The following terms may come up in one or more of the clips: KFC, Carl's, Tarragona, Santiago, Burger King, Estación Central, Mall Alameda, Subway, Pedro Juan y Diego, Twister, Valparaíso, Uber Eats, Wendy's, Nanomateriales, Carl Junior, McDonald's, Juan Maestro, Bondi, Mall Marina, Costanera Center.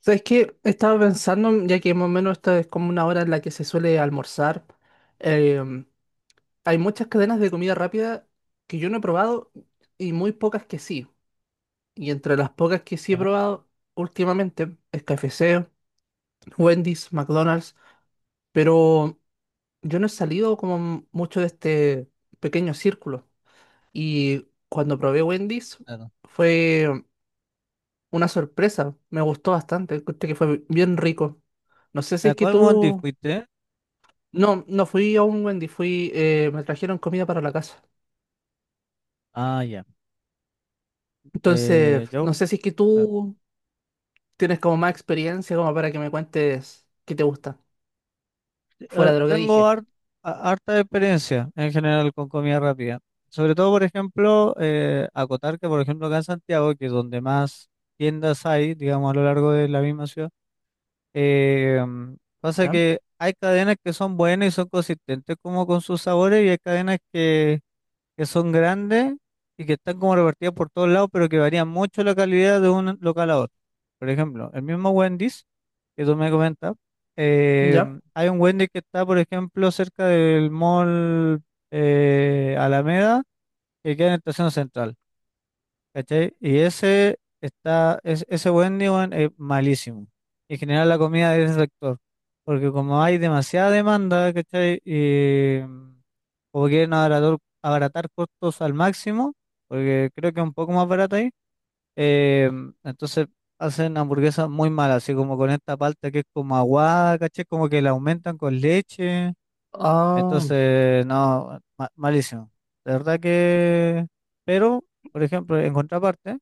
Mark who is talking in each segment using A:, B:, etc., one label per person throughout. A: ¿Sabes qué? Estaba pensando, ya que más o menos esta es como una hora en la que se suele almorzar. em, Hay muchas cadenas de comida rápida que yo no he probado y muy pocas que sí. Y entre las pocas que sí he
B: Ya,
A: probado últimamente es KFC, Wendy's, McDonald's, pero yo no he salido como mucho de este pequeño círculo. Y cuando probé Wendy's
B: claro.
A: fue una sorpresa, me gustó bastante, encontré que fue bien rico. No sé si
B: ¿A
A: es que
B: cuál Bondi
A: tú...
B: fuiste?
A: No, no fui a un Wendy, fui, me trajeron comida para la casa.
B: Ah, ya.
A: Entonces, no
B: Yo
A: sé si es que
B: claro,
A: tú tienes como más experiencia como para que me cuentes qué te gusta, fuera de lo que
B: tengo
A: dije.
B: harta experiencia en general con comida rápida. Sobre todo, por ejemplo, acotar que, por ejemplo, acá en Santiago, que es donde más tiendas hay, digamos, a lo largo de la misma ciudad, pasa
A: ¿Ya?
B: que hay cadenas que son buenas y son consistentes como con sus sabores y hay cadenas que son grandes y que están como repartidas por todos lados, pero que varían mucho la calidad de un local a otro. Por ejemplo, el mismo Wendy's que tú me comentas, eh,
A: ¿Ya?
B: hay un Wendy's que está, por ejemplo, cerca del Mall Alameda, que queda en la Estación Central, ¿cachai? Y ese está, ese Wendy's weón, es malísimo. En general la comida de ese sector, porque como hay demasiada demanda, ¿cachai? Y como quieren abaratar, abaratar costos al máximo, porque creo que es un poco más barato ahí, eh, entonces hacen hamburguesas muy malas, así como con esta palta que es como aguada, caché, como que la aumentan con leche,
A: Ah,
B: entonces no, malísimo. De verdad que, pero, por ejemplo, en contraparte,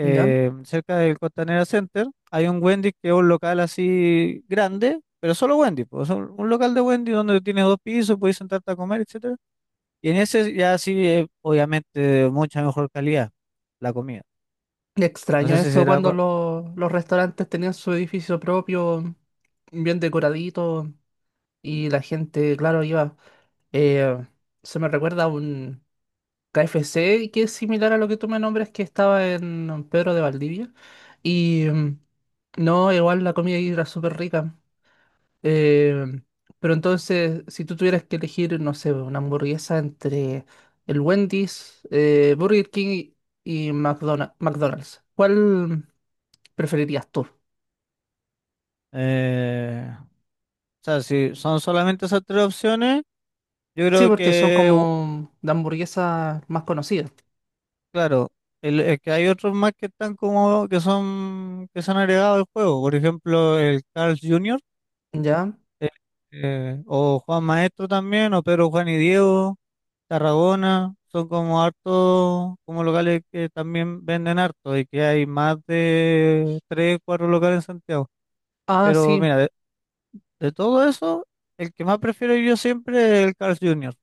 A: ¿ya?
B: cerca del Costanera Center hay un Wendy's que es un local así grande, pero solo Wendy's, pues, un local de Wendy's donde tienes dos pisos, puedes sentarte a comer, etc. Y en ese ya sí, obviamente, de mucha mejor calidad la comida. No
A: Extraño
B: sé si
A: eso
B: será...
A: cuando los restaurantes tenían su edificio propio, bien decoradito, y la gente, claro, iba. eh, Se me recuerda a un KFC, que es similar a lo que tú me nombras, que estaba en Pedro de Valdivia. Y no, igual la comida ahí era súper rica. Eh, pero entonces, si tú tuvieras que elegir, no sé, una hamburguesa entre el Wendy's, Burger King y McDonald's, ¿cuál preferirías tú?
B: O sea, si son solamente esas tres opciones, yo
A: Sí,
B: creo
A: porque son
B: que,
A: como de hamburguesas más conocidas.
B: claro, es que hay otros más que están como, que son, que se han agregado al juego. Por ejemplo, el Carl Junior,
A: ¿Ya?
B: eh, o Juan Maestro también, o Pedro Juan y Diego, Tarragona, son como hartos, como locales que también venden harto y que hay más de tres, cuatro locales en Santiago.
A: Ah,
B: Pero
A: sí.
B: mira, de todo eso, el que más prefiero yo siempre es el Carl Jr.,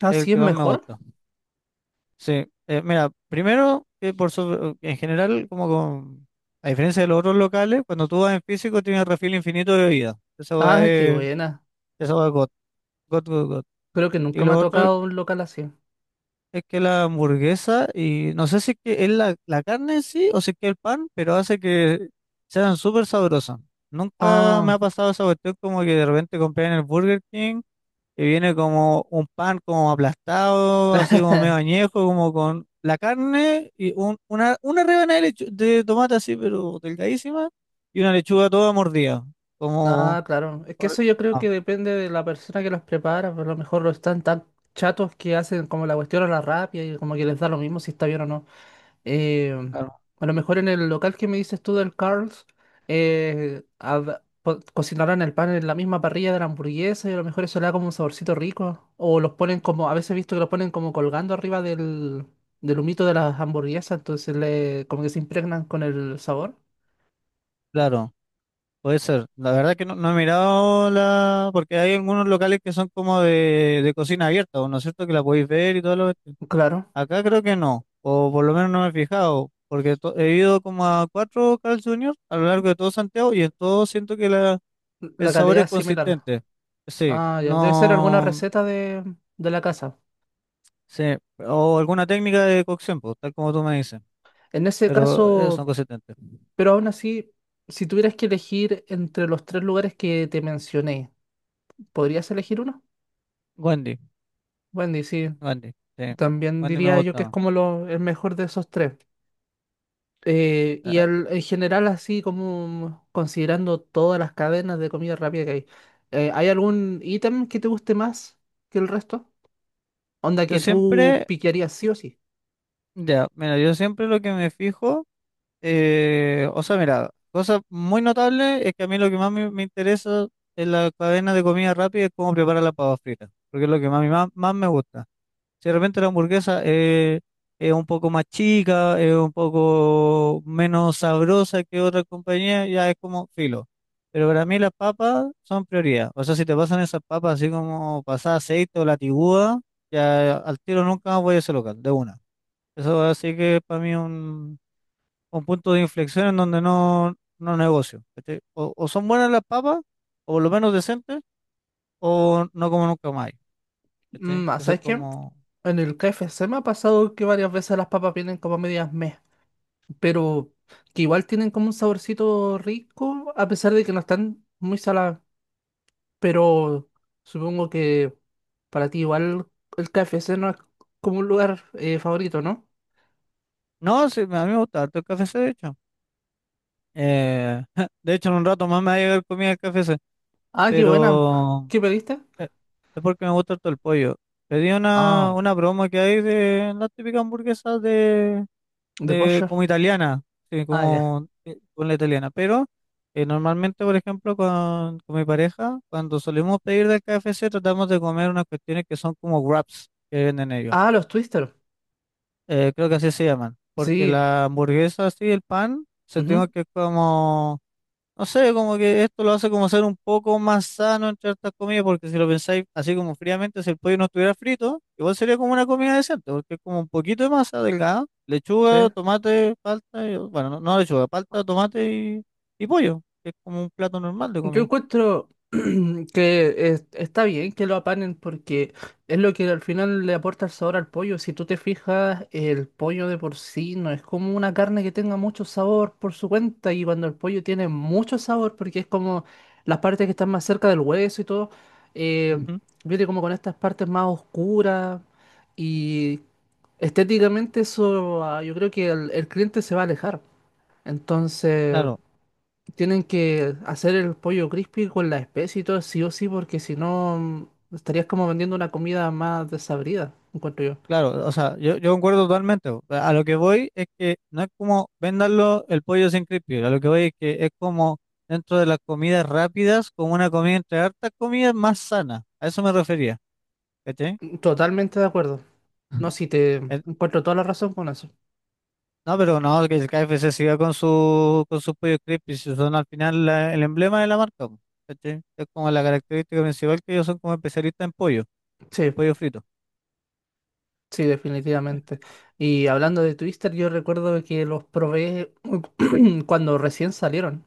A: Ah,
B: el
A: sí, es
B: que más me
A: mejor.
B: gusta. Sí, mira, primero, que por sobre- en general, a diferencia de los otros locales, cuando tú vas en físico tienes refil infinito de bebida. Esa va
A: Ah, qué
B: es,
A: buena.
B: esa hueá es God, God, God, God.
A: Creo que
B: Y
A: nunca me ha
B: lo otro
A: tocado un local así.
B: es que la hamburguesa, y no sé si es que es la carne en sí o si es que el pan, pero hace que sean súper sabrosas. Nunca me
A: Ah,
B: ha pasado esa cuestión como que de repente compré en el Burger King, que viene como un pan como aplastado, así como medio añejo, como con la carne y una rebanada de, de tomate así, pero delgadísima, y una lechuga toda mordida, como...
A: ah, claro. Es que
B: por-
A: eso yo creo
B: ah,
A: que depende de la persona que los prepara, pero a lo mejor lo están tan chatos que hacen como la cuestión a la rápida y como que les da lo mismo si está bien o no. Eh,
B: claro,
A: a lo mejor en el local que me dices tú del Carl's, cocinarán el pan en la misma parrilla de la hamburguesa y a lo mejor eso le da como un saborcito rico. O los ponen como, a veces he visto que los ponen como colgando arriba del, del humito de las hamburguesas, entonces le, como que se impregnan con el sabor.
B: claro, puede ser. La verdad que no, no he mirado la... porque hay algunos locales que son como de cocina abierta, ¿no es cierto? Que la podéis ver y todo lo...
A: Claro.
B: Acá creo que no, o por lo menos no me he fijado. Porque he ido como a cuatro Carl Jr. a lo largo de todo Santiago y en todo siento que la... El
A: La
B: sabor
A: calidad
B: es
A: es similar.
B: consistente. Sí,
A: Ah, ya. Debe ser alguna
B: no.
A: receta de la casa.
B: Sí, o alguna técnica de cocción, pues, tal como tú me dices.
A: En ese
B: Pero son
A: caso,
B: consistentes.
A: pero aún así, si tuvieras que elegir entre los tres lugares que te mencioné, ¿podrías elegir uno?
B: Wendy,
A: Wendy, sí.
B: Wendy, sí.
A: También
B: Wendy me
A: diría yo que es
B: gusta.
A: como lo, el mejor de esos tres. Y
B: Ah,
A: en general, así como considerando todas las cadenas de comida rápida que hay, ¿hay algún ítem que te guste más que el resto? Onda
B: yo
A: que tú
B: siempre,
A: piquearías sí o sí.
B: ya, mira, yo siempre lo que me fijo, o sea, mira, cosa muy notable es que a mí lo que más me interesa en la cadena de comida rápida es cómo preparar la papa frita, porque es lo que más, más, más me gusta. Si de repente la hamburguesa es un poco más chica, es un poco menos sabrosa que otra compañía, ya es como filo. Pero para mí las papas son prioridad. O sea, si te pasan esas papas así como pasada aceite o latiguda, ya al tiro nunca más voy a ese local, de una. Eso así que para mí un punto de inflexión en donde no, no negocio. ¿Cachai? O son buenas las papas, o por lo menos decentes, o no como nunca más. ¿Cachai?
A: Mm, ah,
B: Eso es
A: ¿sabes qué?
B: como...
A: En el KFC me ha pasado que varias veces las papas vienen como medias meh, pero que igual tienen como un saborcito rico, a pesar de que no están muy saladas. Pero supongo que para ti igual el KFC no es como un lugar favorito, ¿no?
B: No, sí, a mí me gusta harto el KFC, de hecho. Eh, de hecho, en un rato más me va a llegar comida del KFC,
A: Ah, qué buena.
B: pero
A: ¿Qué pediste?
B: eh, es porque me gusta harto el pollo. Pedí
A: Ah,
B: una broma que hay de las típicas hamburguesas
A: de
B: de
A: pollo.
B: como italiana, sí,
A: Ah, ya.
B: como con la italiana, pero normalmente, por ejemplo, con mi pareja, cuando solemos pedir del KFC, tratamos de comer unas cuestiones que son como wraps que venden ellos.
A: Ah, los Twister.
B: Creo que así se llaman, porque
A: Sí.
B: la hamburguesa así, el pan, se
A: Ujú.
B: tiene que como, no sé, como que esto lo hace como ser un poco más sano entre estas comidas, porque si lo pensáis así como fríamente, si el pollo no estuviera frito, igual sería como una comida decente, porque es como un poquito de masa delgada, lechuga,
A: Sí.
B: tomate, palta, y- bueno, no, no lechuga, palta, tomate y pollo, que es como un plato normal de
A: Yo
B: comida.
A: encuentro que está bien que lo apanen porque es lo que al final le aporta el sabor al pollo. Si tú te fijas, el pollo de por sí no es como una carne que tenga mucho sabor por su cuenta y cuando el pollo tiene mucho sabor porque es como las partes que están más cerca del hueso y todo, eh,
B: Ujú.
A: viene como con estas partes más oscuras y estéticamente eso, ah, yo creo que el cliente se va a alejar. Entonces...
B: Claro.
A: Tienen que hacer el pollo crispy con la especie y todo, sí o sí, porque si no estarías como vendiendo una comida más desabrida, encuentro yo.
B: Claro, o sea, yo concuerdo totalmente. Po. A lo que voy es que no es como vendanlo el pollo sin crispy. A lo que voy es que es como dentro de las comidas rápidas, como una comida entre hartas comidas más sana. A eso me refería, ¿cachai?
A: Mm. Totalmente de acuerdo. No, sí, te
B: Eh,
A: encuentro toda la razón con eso.
B: No, pero no, que el KFC siga con sus pollos crispy, si son al final el emblema de la marca. Po, ¿cachai? Es como la característica principal que ellos son como especialistas
A: Sí,
B: en pollo frito.
A: sí, definitivamente. Y hablando de Twister, yo recuerdo que los probé cuando recién salieron,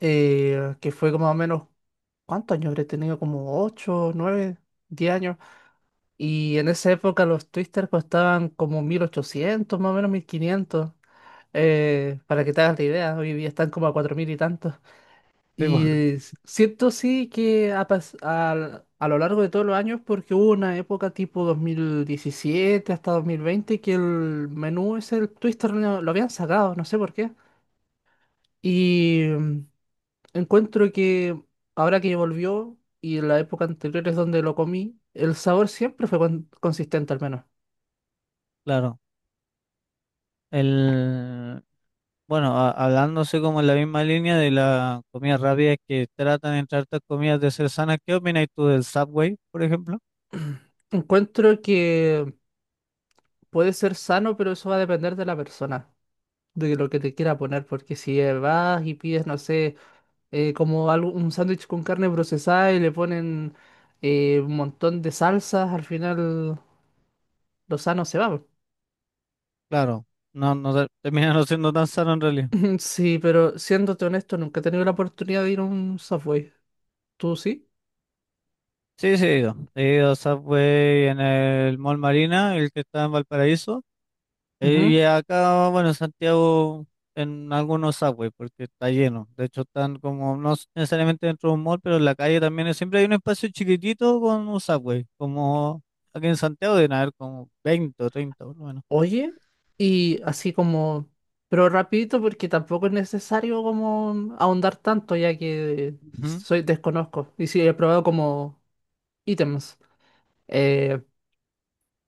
A: que fue como más o menos, ¿cuántos años habré tenido? Como 8, 9, 10 años. Y en esa época los Twister costaban como 1.800, más o menos 1.500. Para que te hagas la idea, hoy día están como a 4.000 y tantos.
B: Sí, po,
A: Y siento sí que, a lo largo de todos los años, porque hubo una época tipo 2017 hasta 2020 que el menú ese, el Twister, lo habían sacado, no sé por qué. Y encuentro que ahora que volvió y en la época anterior es donde lo comí, el sabor siempre fue consistente, al menos.
B: claro. El, Bueno, hablándose como en la misma línea de la comida rápida es que tratan entre hartas comidas de ser sanas, ¿qué opinas tú del Subway, por ejemplo?
A: Encuentro que puede ser sano, pero eso va a depender de la persona, de lo que te quiera poner, porque si vas y pides, no sé, como algo, un sándwich con carne procesada y le ponen un montón de salsas, al final lo sano se va, po.
B: Claro, no, no termina no siendo tan sano en realidad.
A: Sí, pero siéndote honesto, nunca he tenido la oportunidad de ir a un Subway. ¿Tú sí?
B: Sí, sí, he ido. He ido a Subway en el Mall Marina, el que está en Valparaíso. Y
A: Ujú.
B: acá, bueno, en Santiago, en algunos subways, porque está lleno. De hecho, están como, no s- necesariamente dentro de un mall, pero en la calle también siempre hay un espacio chiquitito con un subway. Como aquí en Santiago deben haber como 20 o 30 por lo menos.
A: Oye, y así como, pero rapidito porque tampoco es necesario como ahondar tanto ya que
B: Ujú.
A: soy desconozco y sí he probado como ítems. Eh,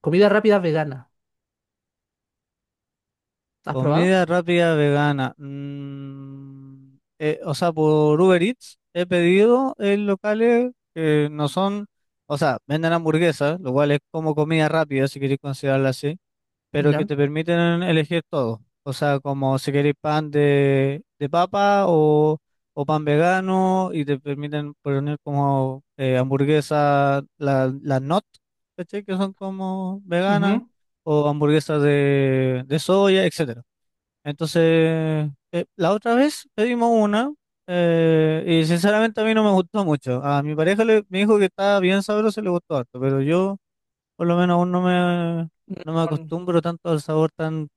A: Comida rápida vegana. ¿Has probado?
B: Comida rápida vegana. O sea, por Uber Eats he pedido en locales que no son, o sea, venden hamburguesas, lo cual es como comida rápida, si queréis considerarla así, pero que
A: Ya.
B: te permiten elegir todo. O sea, como si queréis pan de papa o pan vegano y te permiten poner como hamburguesas, las not, ¿cachai? Que son como veganas
A: Ujú.
B: o hamburguesas de soya, etcétera. Entonces, la otra vez pedimos una y sinceramente a mí no me gustó mucho. A mi pareja le- me dijo que estaba bien sabroso y le gustó harto, pero yo... Por lo menos aún no me, no me
A: Mm.
B: acostumbro tanto al sabor tan,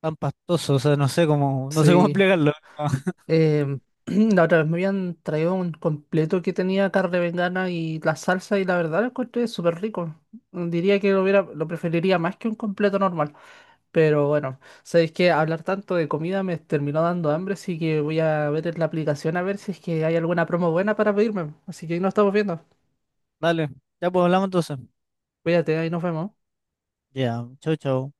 B: tan pastoso. O sea, no sé cómo, no sé cómo
A: Sí.
B: explicarlo.
A: Em, la otra vez me habían traído un completo que tenía carne vegana y la salsa y la verdad lo encontré súper rico. Diría que lo hubiera, lo preferiría más que un completo normal. Pero bueno, sabéis que hablar tanto de comida me terminó dando hambre, así que voy a ver en la aplicación a ver si es que hay alguna promo buena para pedirme. Así que ahí nos estamos viendo.
B: Dale, ya pues hablamos entonces.
A: Cuídate, ahí nos vemos.
B: Ya, chau, chau.